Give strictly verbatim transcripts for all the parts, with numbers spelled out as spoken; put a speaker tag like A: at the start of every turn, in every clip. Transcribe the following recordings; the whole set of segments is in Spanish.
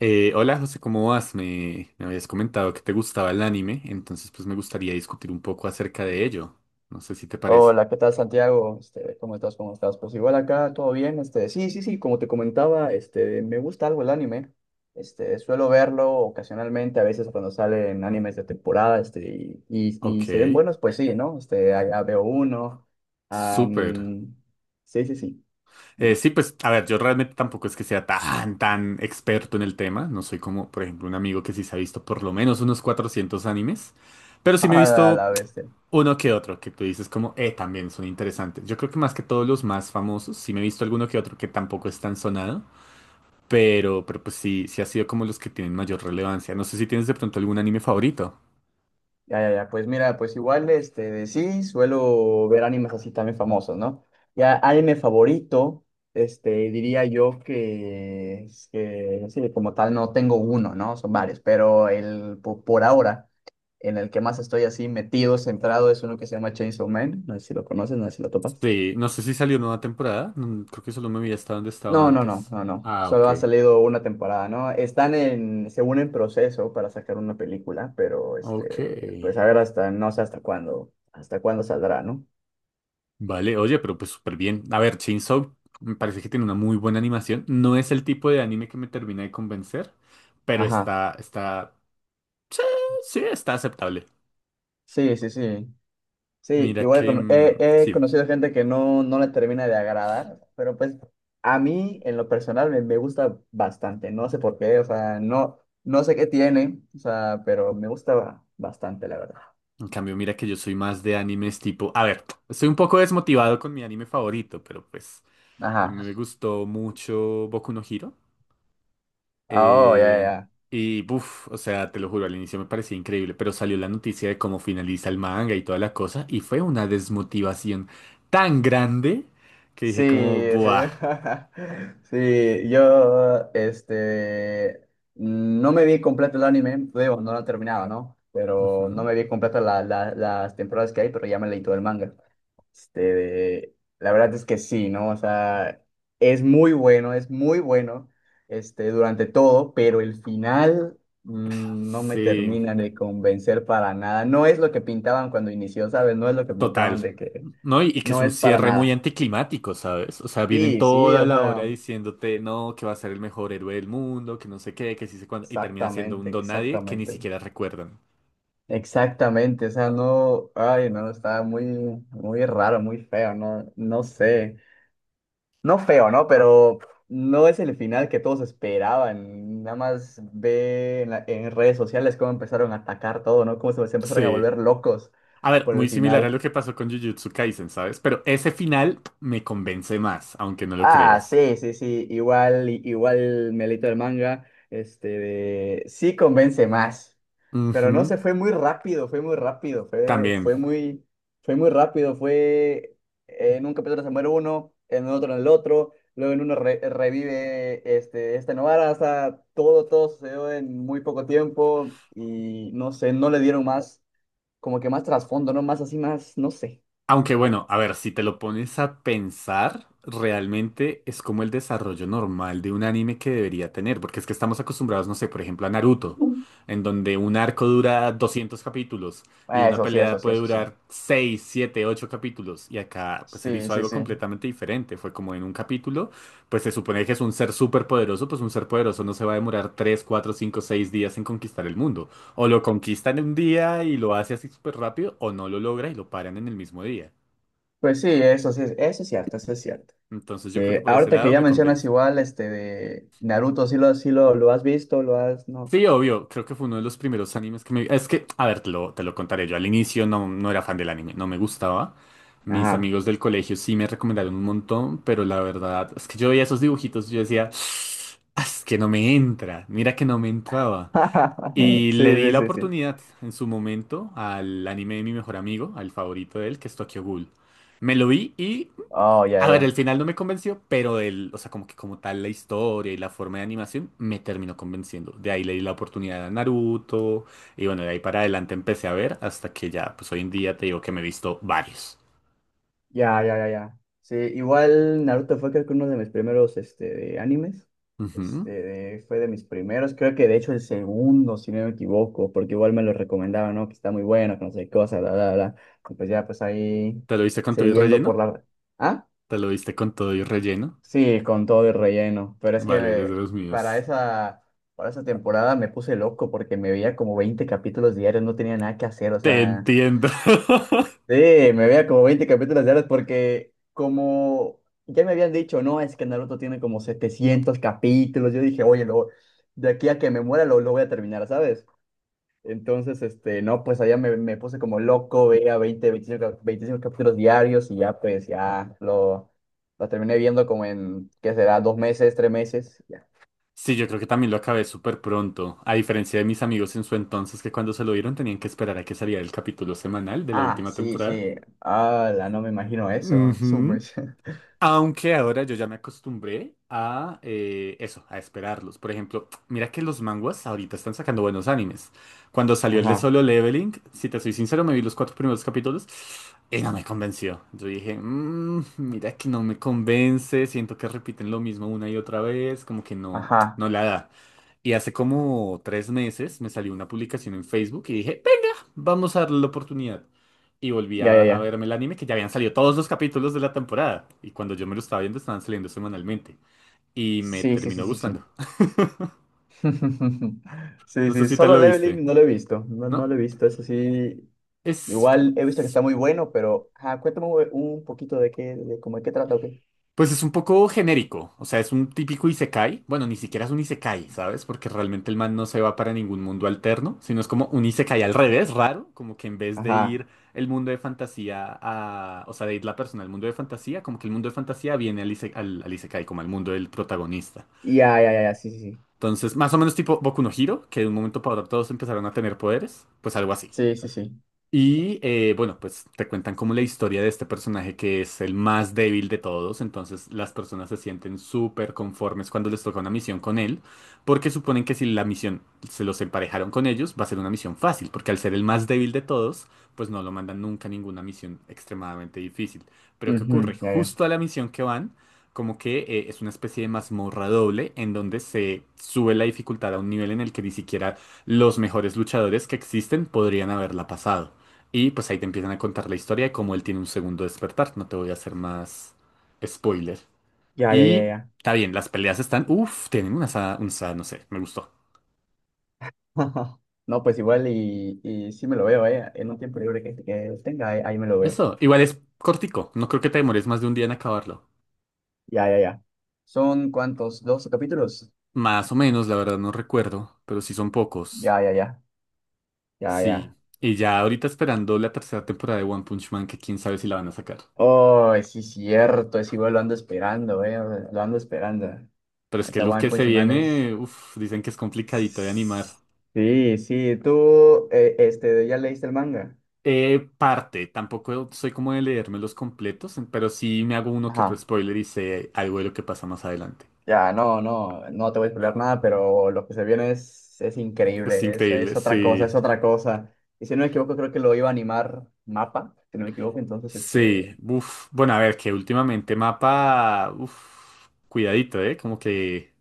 A: Eh, hola José, ¿cómo vas? Me, me habías comentado que te gustaba el anime, entonces pues me gustaría discutir un poco acerca de ello. No sé si te parece.
B: Hola, ¿qué tal Santiago? Este, ¿cómo estás? ¿Cómo estás? Pues igual acá, todo bien. Este, sí, sí, sí, como te comentaba, este, me gusta algo el anime. Este, suelo verlo ocasionalmente, a veces cuando salen animes de temporada, este, y, y, y
A: Ok,
B: se ven buenos, pues sí, ¿no? Este, allá veo uno.
A: súper.
B: Am, sí, sí, sí.
A: Eh, sí, pues a ver, yo realmente tampoco es que sea tan, tan experto en el tema. No soy como, por ejemplo, un amigo que sí se ha visto por lo menos unos cuatrocientos animes, pero sí me he
B: A
A: visto
B: la vez.
A: uno que otro, que tú dices como, eh, también son interesantes. Yo creo que más que todos los más famosos, sí me he visto alguno que otro que tampoco es tan sonado. Pero, pero pues sí, sí ha sido como los que tienen mayor relevancia. No sé si tienes de pronto algún anime favorito.
B: Ya, ya, ya, pues mira, pues igual, este, de sí, suelo ver animes así también famosos, ¿no? Ya, anime favorito, este, diría yo que, es que, sí, como tal no tengo uno, ¿no? Son varios, pero el, po- por ahora, en el que más estoy así metido, centrado, es uno que se llama Chainsaw Man, no sé si lo conoces, no sé si lo topas.
A: Sí, no sé si salió nueva temporada. No, creo que solo me vi hasta donde estaba
B: No, no, no,
A: antes.
B: no, no,
A: Ah, ok.
B: solo ha salido una temporada, ¿no? Están en, según en proceso para sacar una película, pero,
A: Ok.
B: este, pues a ver hasta, no sé hasta cuándo, hasta cuándo saldrá, ¿no?
A: Vale, oye, pero pues súper bien. A ver, Chainsaw me parece que tiene una muy buena animación. No es el tipo de anime que me termina de convencer, pero
B: Ajá,
A: está, está, sí, está aceptable.
B: sí, sí, sí. Sí,
A: Mira
B: igual
A: que,
B: con- he,
A: mm,
B: he
A: sí.
B: conocido gente que no, no le termina de agradar, pero pues a mí en lo personal me, me gusta bastante, no sé por qué, o sea, no, no sé qué tiene, o sea, pero me gusta ba- bastante, la verdad.
A: En cambio, mira que yo soy más de animes tipo... A ver, estoy un poco desmotivado con mi anime favorito, pero pues... A mí
B: Ajá,
A: me gustó mucho Boku no Hero.
B: oh, ya,
A: eh,
B: ya.
A: y, buf, o sea, te lo juro, al inicio me parecía increíble, pero salió la noticia de cómo finaliza el manga y toda la cosa, y fue una desmotivación tan grande que dije como,
B: Sí, sí,
A: buah.
B: sí, yo, este, no me vi completo el anime, digo, no lo terminaba, ¿no? Pero no
A: Ujú.
B: me vi completo la- la- las temporadas que hay, pero ya me leí todo el manga. Este, la verdad es que sí, ¿no? O sea, es muy bueno, es muy bueno, este, durante todo, pero el final mm, no me
A: Sí,
B: termina de convencer para nada. No es lo que pintaban cuando inició, ¿sabes? No es lo que
A: total.
B: pintaban de que
A: No, y, y que es
B: no
A: un
B: es para
A: cierre muy
B: nada.
A: anticlimático, ¿sabes? O sea, vienen
B: Sí, sí,
A: toda
B: o
A: la hora
B: sea,
A: diciéndote, no, que va a ser el mejor héroe del mundo, que no sé qué, que sí sé cuándo, y termina siendo un
B: exactamente,
A: don nadie que ni
B: exactamente.
A: siquiera recuerdan.
B: Exactamente, o sea, no, ay, no, está muy, muy raro, muy feo, no, no sé. No feo, ¿no? Pero no es el final que todos esperaban. Nada más ve en, la- en redes sociales cómo empezaron a atacar todo, ¿no? Cómo se, se empezaron a
A: Sí.
B: volver locos
A: A ver,
B: por el
A: muy similar a
B: final.
A: lo que pasó con Jujutsu Kaisen, ¿sabes? Pero ese final me convence más, aunque no lo
B: Ah,
A: creas.
B: sí, sí, sí, igual, i- igual me leí todo el manga, este, de- sí convence más, pero no
A: Ujú.
B: sé, fue muy rápido, fue muy rápido, fue,
A: También.
B: fue muy, fue muy rápido, fue en un capítulo se muere uno, en otro en el otro, luego en uno re- revive este, este Novara, o sea, todo, todo sucedió en muy poco tiempo y no sé, no le dieron más, como que más trasfondo, ¿no? Más así, más, no sé.
A: Aunque bueno, a ver, si te lo pones a pensar, realmente es como el desarrollo normal de un anime que debería tener, porque es que estamos acostumbrados, no sé, por ejemplo, a Naruto, en donde un arco dura doscientos capítulos y una
B: Eso sí, eso
A: pelea
B: sí,
A: puede
B: eso sí.
A: durar seis, siete, ocho capítulos, y acá pues él
B: Sí,
A: hizo
B: sí,
A: algo
B: sí.
A: completamente diferente, fue como en un capítulo, pues se supone que es un ser súper poderoso, pues un ser poderoso no se va a demorar tres, cuatro, cinco, seis días en conquistar el mundo. O lo conquistan en un día y lo hace así súper rápido, o no lo logra y lo paran en el mismo día.
B: Pues sí, eso sí, es- eso es cierto, eso es cierto.
A: Entonces
B: Sí,
A: yo creo que por ese
B: ahorita que
A: lado
B: ya
A: me
B: mencionas
A: convence.
B: igual, este, de Naruto, sí lo, sí lo, lo has visto, lo has, no.
A: Sí, obvio, creo que fue uno de los primeros animes que me... Es que, a ver, te lo, te lo contaré. Yo al inicio no, no era fan del anime, no me gustaba. Mis
B: Ajá.
A: amigos del colegio sí me recomendaron un montón, pero la verdad es que yo veía esos dibujitos y yo decía, "Ah, es que no me entra, mira que no me entraba."
B: Sí,
A: Y le di
B: sí,
A: la
B: sí, sí.
A: oportunidad en su momento al anime de mi mejor amigo, al favorito de él, que es Tokyo Ghoul. Me lo vi y
B: Oh, ya,
A: a ver,
B: ya,
A: el final no me convenció, pero el, o sea, como que como tal la historia y la forma de animación me terminó convenciendo. De ahí le di la oportunidad a Naruto y bueno, de ahí para adelante empecé a ver hasta que ya, pues hoy en día te digo que me he visto varios.
B: ya, ya, ya, ya. Sí, igual Naruto fue creo que uno de mis primeros, este, de animes. Este,
A: Ujú.
B: de- fue de mis primeros, creo que de hecho el segundo, si no me equivoco, porque igual me lo recomendaban, ¿no? Que está muy bueno, que no sé qué cosa, bla, bla, bla. Y pues ya, pues ahí,
A: ¿Te lo viste con todo y
B: cediendo por
A: relleno?
B: la... ¿Ah?
A: ¿Te lo viste con todo y relleno?
B: Sí, con todo el relleno. Pero es
A: Vale, eres de
B: que
A: los
B: para
A: míos.
B: esa, para esa temporada me puse loco porque me veía como veinte capítulos diarios, no tenía nada que hacer. O
A: Te
B: sea,
A: entiendo.
B: sí, me veía como veinte capítulos diarios porque como ya me habían dicho, no, es que Naruto tiene como setecientos capítulos. Yo dije, oye, lo, de aquí a que me muera lo, lo, voy a terminar, ¿sabes? Entonces, este, no, pues allá me, me puse como loco, veía veinte veinticinco cap- veinticinco capítulos diarios y ya, pues, ya lo, lo terminé viendo como en, ¿qué será? Dos meses, tres meses. Ya.
A: Sí, yo creo que también lo acabé súper pronto, a diferencia de mis amigos en su entonces que cuando se lo vieron tenían que esperar a que saliera el capítulo semanal de la
B: Ah,
A: última
B: sí,
A: temporada.
B: sí. La no me imagino eso. Subway.
A: Ujú. Aunque ahora yo ya me acostumbré a eh, eso, a esperarlos. Por ejemplo, mira que los manguas ahorita están sacando buenos animes. Cuando salió el de
B: Ajá,
A: Solo Leveling, si te soy sincero, me vi los cuatro primeros capítulos y no me convenció. Yo dije, "Mm, mira que no me convence, siento que repiten lo mismo una y otra vez, como que no,
B: ajá.
A: no la da." Y hace como tres meses me salió una publicación en Facebook y dije, venga, vamos a darle la oportunidad y volví
B: Ya,
A: a,
B: ya,
A: a
B: ya.
A: verme el anime que ya habían salido todos los capítulos de la temporada. Y cuando yo me lo estaba viendo, estaban saliendo semanalmente. Y me
B: Sí, sí, sí,
A: terminó
B: sí,
A: gustando.
B: sí. Sí,
A: No sé
B: sí,
A: si te
B: solo
A: lo viste.
B: leveling no lo he visto. No, no
A: No,
B: lo he visto, eso sí.
A: es...
B: Igual he visto que está muy bueno, pero, ajá, cuéntame un un poquito de qué, de cómo de qué trata o qué.
A: Pues es un poco genérico, o sea, es un típico isekai. Bueno, ni siquiera es un isekai, ¿sabes? Porque realmente el man no se va para ningún mundo alterno, sino es como un isekai al revés, raro, como que en vez de
B: Ajá.
A: ir el mundo de fantasía a, o sea, de ir la persona al mundo de fantasía, como que el mundo de fantasía viene al, ise- al, al isekai, como al mundo del protagonista.
B: Ya, ya, ya, ya, sí, sí, sí,
A: Entonces, más o menos tipo Boku no Hero, que de un momento para otro todos empezaron a tener poderes, pues algo así.
B: sí, sí, sí.
A: Y eh, bueno, pues te cuentan como la historia de este personaje que es el más débil de todos, entonces las personas se sienten súper conformes cuando les toca una misión con él, porque suponen que si la misión se los emparejaron con ellos, va a ser una misión fácil, porque al ser el más débil de todos, pues no lo mandan nunca a ninguna misión extremadamente difícil. Pero ¿qué
B: Ujú,
A: ocurre?
B: ya, ya,
A: Justo a la misión que van, como que eh, es una especie de mazmorra doble en donde se sube la dificultad a un nivel en el que ni siquiera los mejores luchadores que existen podrían haberla pasado. Y pues ahí te empiezan a contar la historia de cómo él tiene un segundo despertar. No te voy a hacer más spoiler.
B: ya, ya, ya,
A: Y
B: ya.
A: está bien, las peleas están. Uf, tienen una sa- un sa- no sé, me gustó.
B: No, pues igual y, y sí me lo veo, eh, en un tiempo libre que, que tenga, ahí, ahí me lo veo.
A: Eso, igual es cortico. No creo que te demores más de un día en acabarlo.
B: Ya, ya, ya. ¿Son cuántos? ¿doce capítulos?
A: Más o menos, la verdad no recuerdo, pero sí son pocos.
B: Ya, ya, ya, ya, ya.
A: Sí. Y ya ahorita esperando la tercera temporada de One Punch Man, que quién sabe si la van a sacar.
B: Oh, sí, cierto, es igual, lo ando esperando, eh, lo ando esperando.
A: Pero es que
B: Neta,
A: lo
B: One
A: que se
B: Punch Man es...
A: viene, uf, dicen que es complicadito de animar.
B: Sí, sí, tú, eh, este, ¿ya leíste el manga?
A: Eh, parte, tampoco soy como de leerme los completos, pero sí me hago uno que otro spoiler y sé algo de lo que pasa más adelante.
B: Ya, no, no, no te voy a spoiler nada, pero lo que se viene es, es
A: Es
B: increíble, es,
A: increíble,
B: es otra cosa, es
A: sí.
B: otra cosa. Y si no me equivoco, creo que lo iba a animar Mapa, si no me equivoco, entonces
A: Sí,
B: este...
A: uff. Bueno, a ver, que últimamente mapa, uff, cuidadito, ¿eh? Como que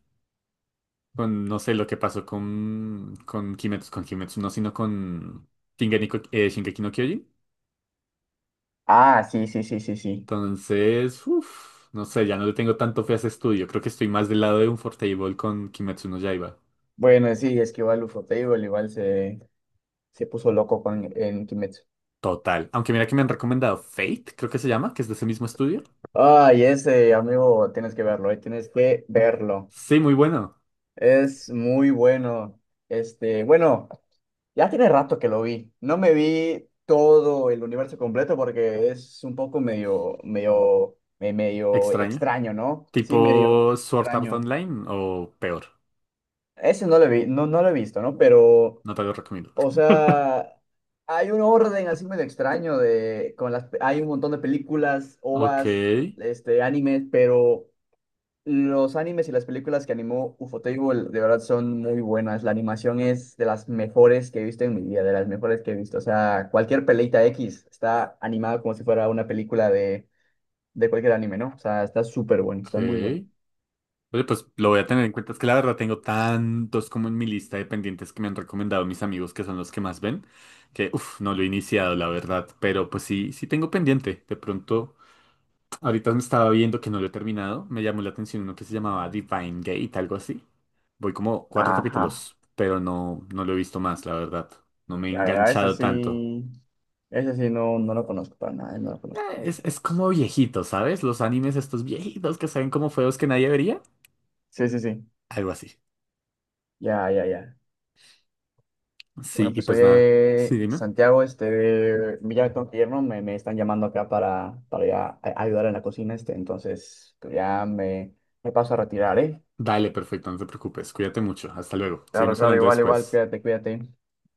A: con, no sé lo que pasó con, con Kimetsu, con Kimetsu, no, sino con Shingeki, no- eh, Shingeki no Kyojin.
B: Ah, sí, sí, sí, sí, sí.
A: Entonces, uff, no sé, ya no le tengo tanto fe a ese estudio. Creo que estoy más del lado de un Unfortable con Kimetsu no Yaiba.
B: Bueno, sí, es que igual Ufotable igual se, se puso loco con, en Kimetsu.
A: Total. Aunque mira que me han recomendado Fate, creo que se llama, que es de ese mismo estudio.
B: Ay, ese, amigo, tienes que verlo, eh, tienes que verlo.
A: Sí, muy bueno.
B: Es muy bueno. Este, bueno. Ya tiene rato que lo vi. No me vi todo el universo completo porque es un poco medio, medio, me- medio
A: Extraño.
B: extraño, ¿no? Sí, medio
A: Tipo Sword Art
B: extraño.
A: Online o peor.
B: Ese no lo vi, no, no lo he visto, ¿no? Pero,
A: No te lo recomiendo.
B: o sea, hay un orden así medio extraño de, con las, hay un montón de películas,
A: Ok,
B: ovas, este, animes, pero los animes y las películas que animó Ufotable de verdad son muy buenas. La animación es de las mejores que he visto en mi vida, de las mejores que he visto. O sea, cualquier peleita X está animada como si fuera una película de, de cualquier anime, ¿no? O sea, está súper bueno, está muy bueno.
A: ok. Oye, pues lo voy a tener en cuenta. Es que la verdad tengo tantos como en mi lista de pendientes que me han recomendado mis amigos, que son los que más ven, que uff, no lo he iniciado, la verdad. Pero pues sí, sí tengo pendiente. De pronto, ahorita me estaba viendo que no lo he terminado. Me llamó la atención uno que se llamaba Divine Gate, algo así. Voy como cuatro
B: Ajá,
A: capítulos, pero no, no lo he visto más, la verdad. No me he
B: ya, ya, ese
A: enganchado tanto.
B: sí, ese sí no, no lo conozco para nada, no lo conozco
A: Eh,
B: para nada.
A: Es, es como viejito, ¿sabes? Los animes estos viejitos que saben como feos que nadie vería.
B: Sí, sí, sí,
A: Algo así.
B: ya, ya, ya.
A: Sí,
B: Bueno,
A: y
B: pues
A: pues nada. Sí,
B: oye,
A: dime.
B: Santiago, este, mira, me tengo que ir, ¿no? Me, me están llamando acá para, para ir a- a ayudar en la cocina, este, entonces pues ya me, me paso a retirar, ¿eh?
A: Dale, perfecto, no te preocupes. Cuídate mucho. Hasta luego.
B: Claro,
A: Seguimos
B: claro,
A: hablando
B: igual, igual,
A: después.
B: cuídate, cuídate.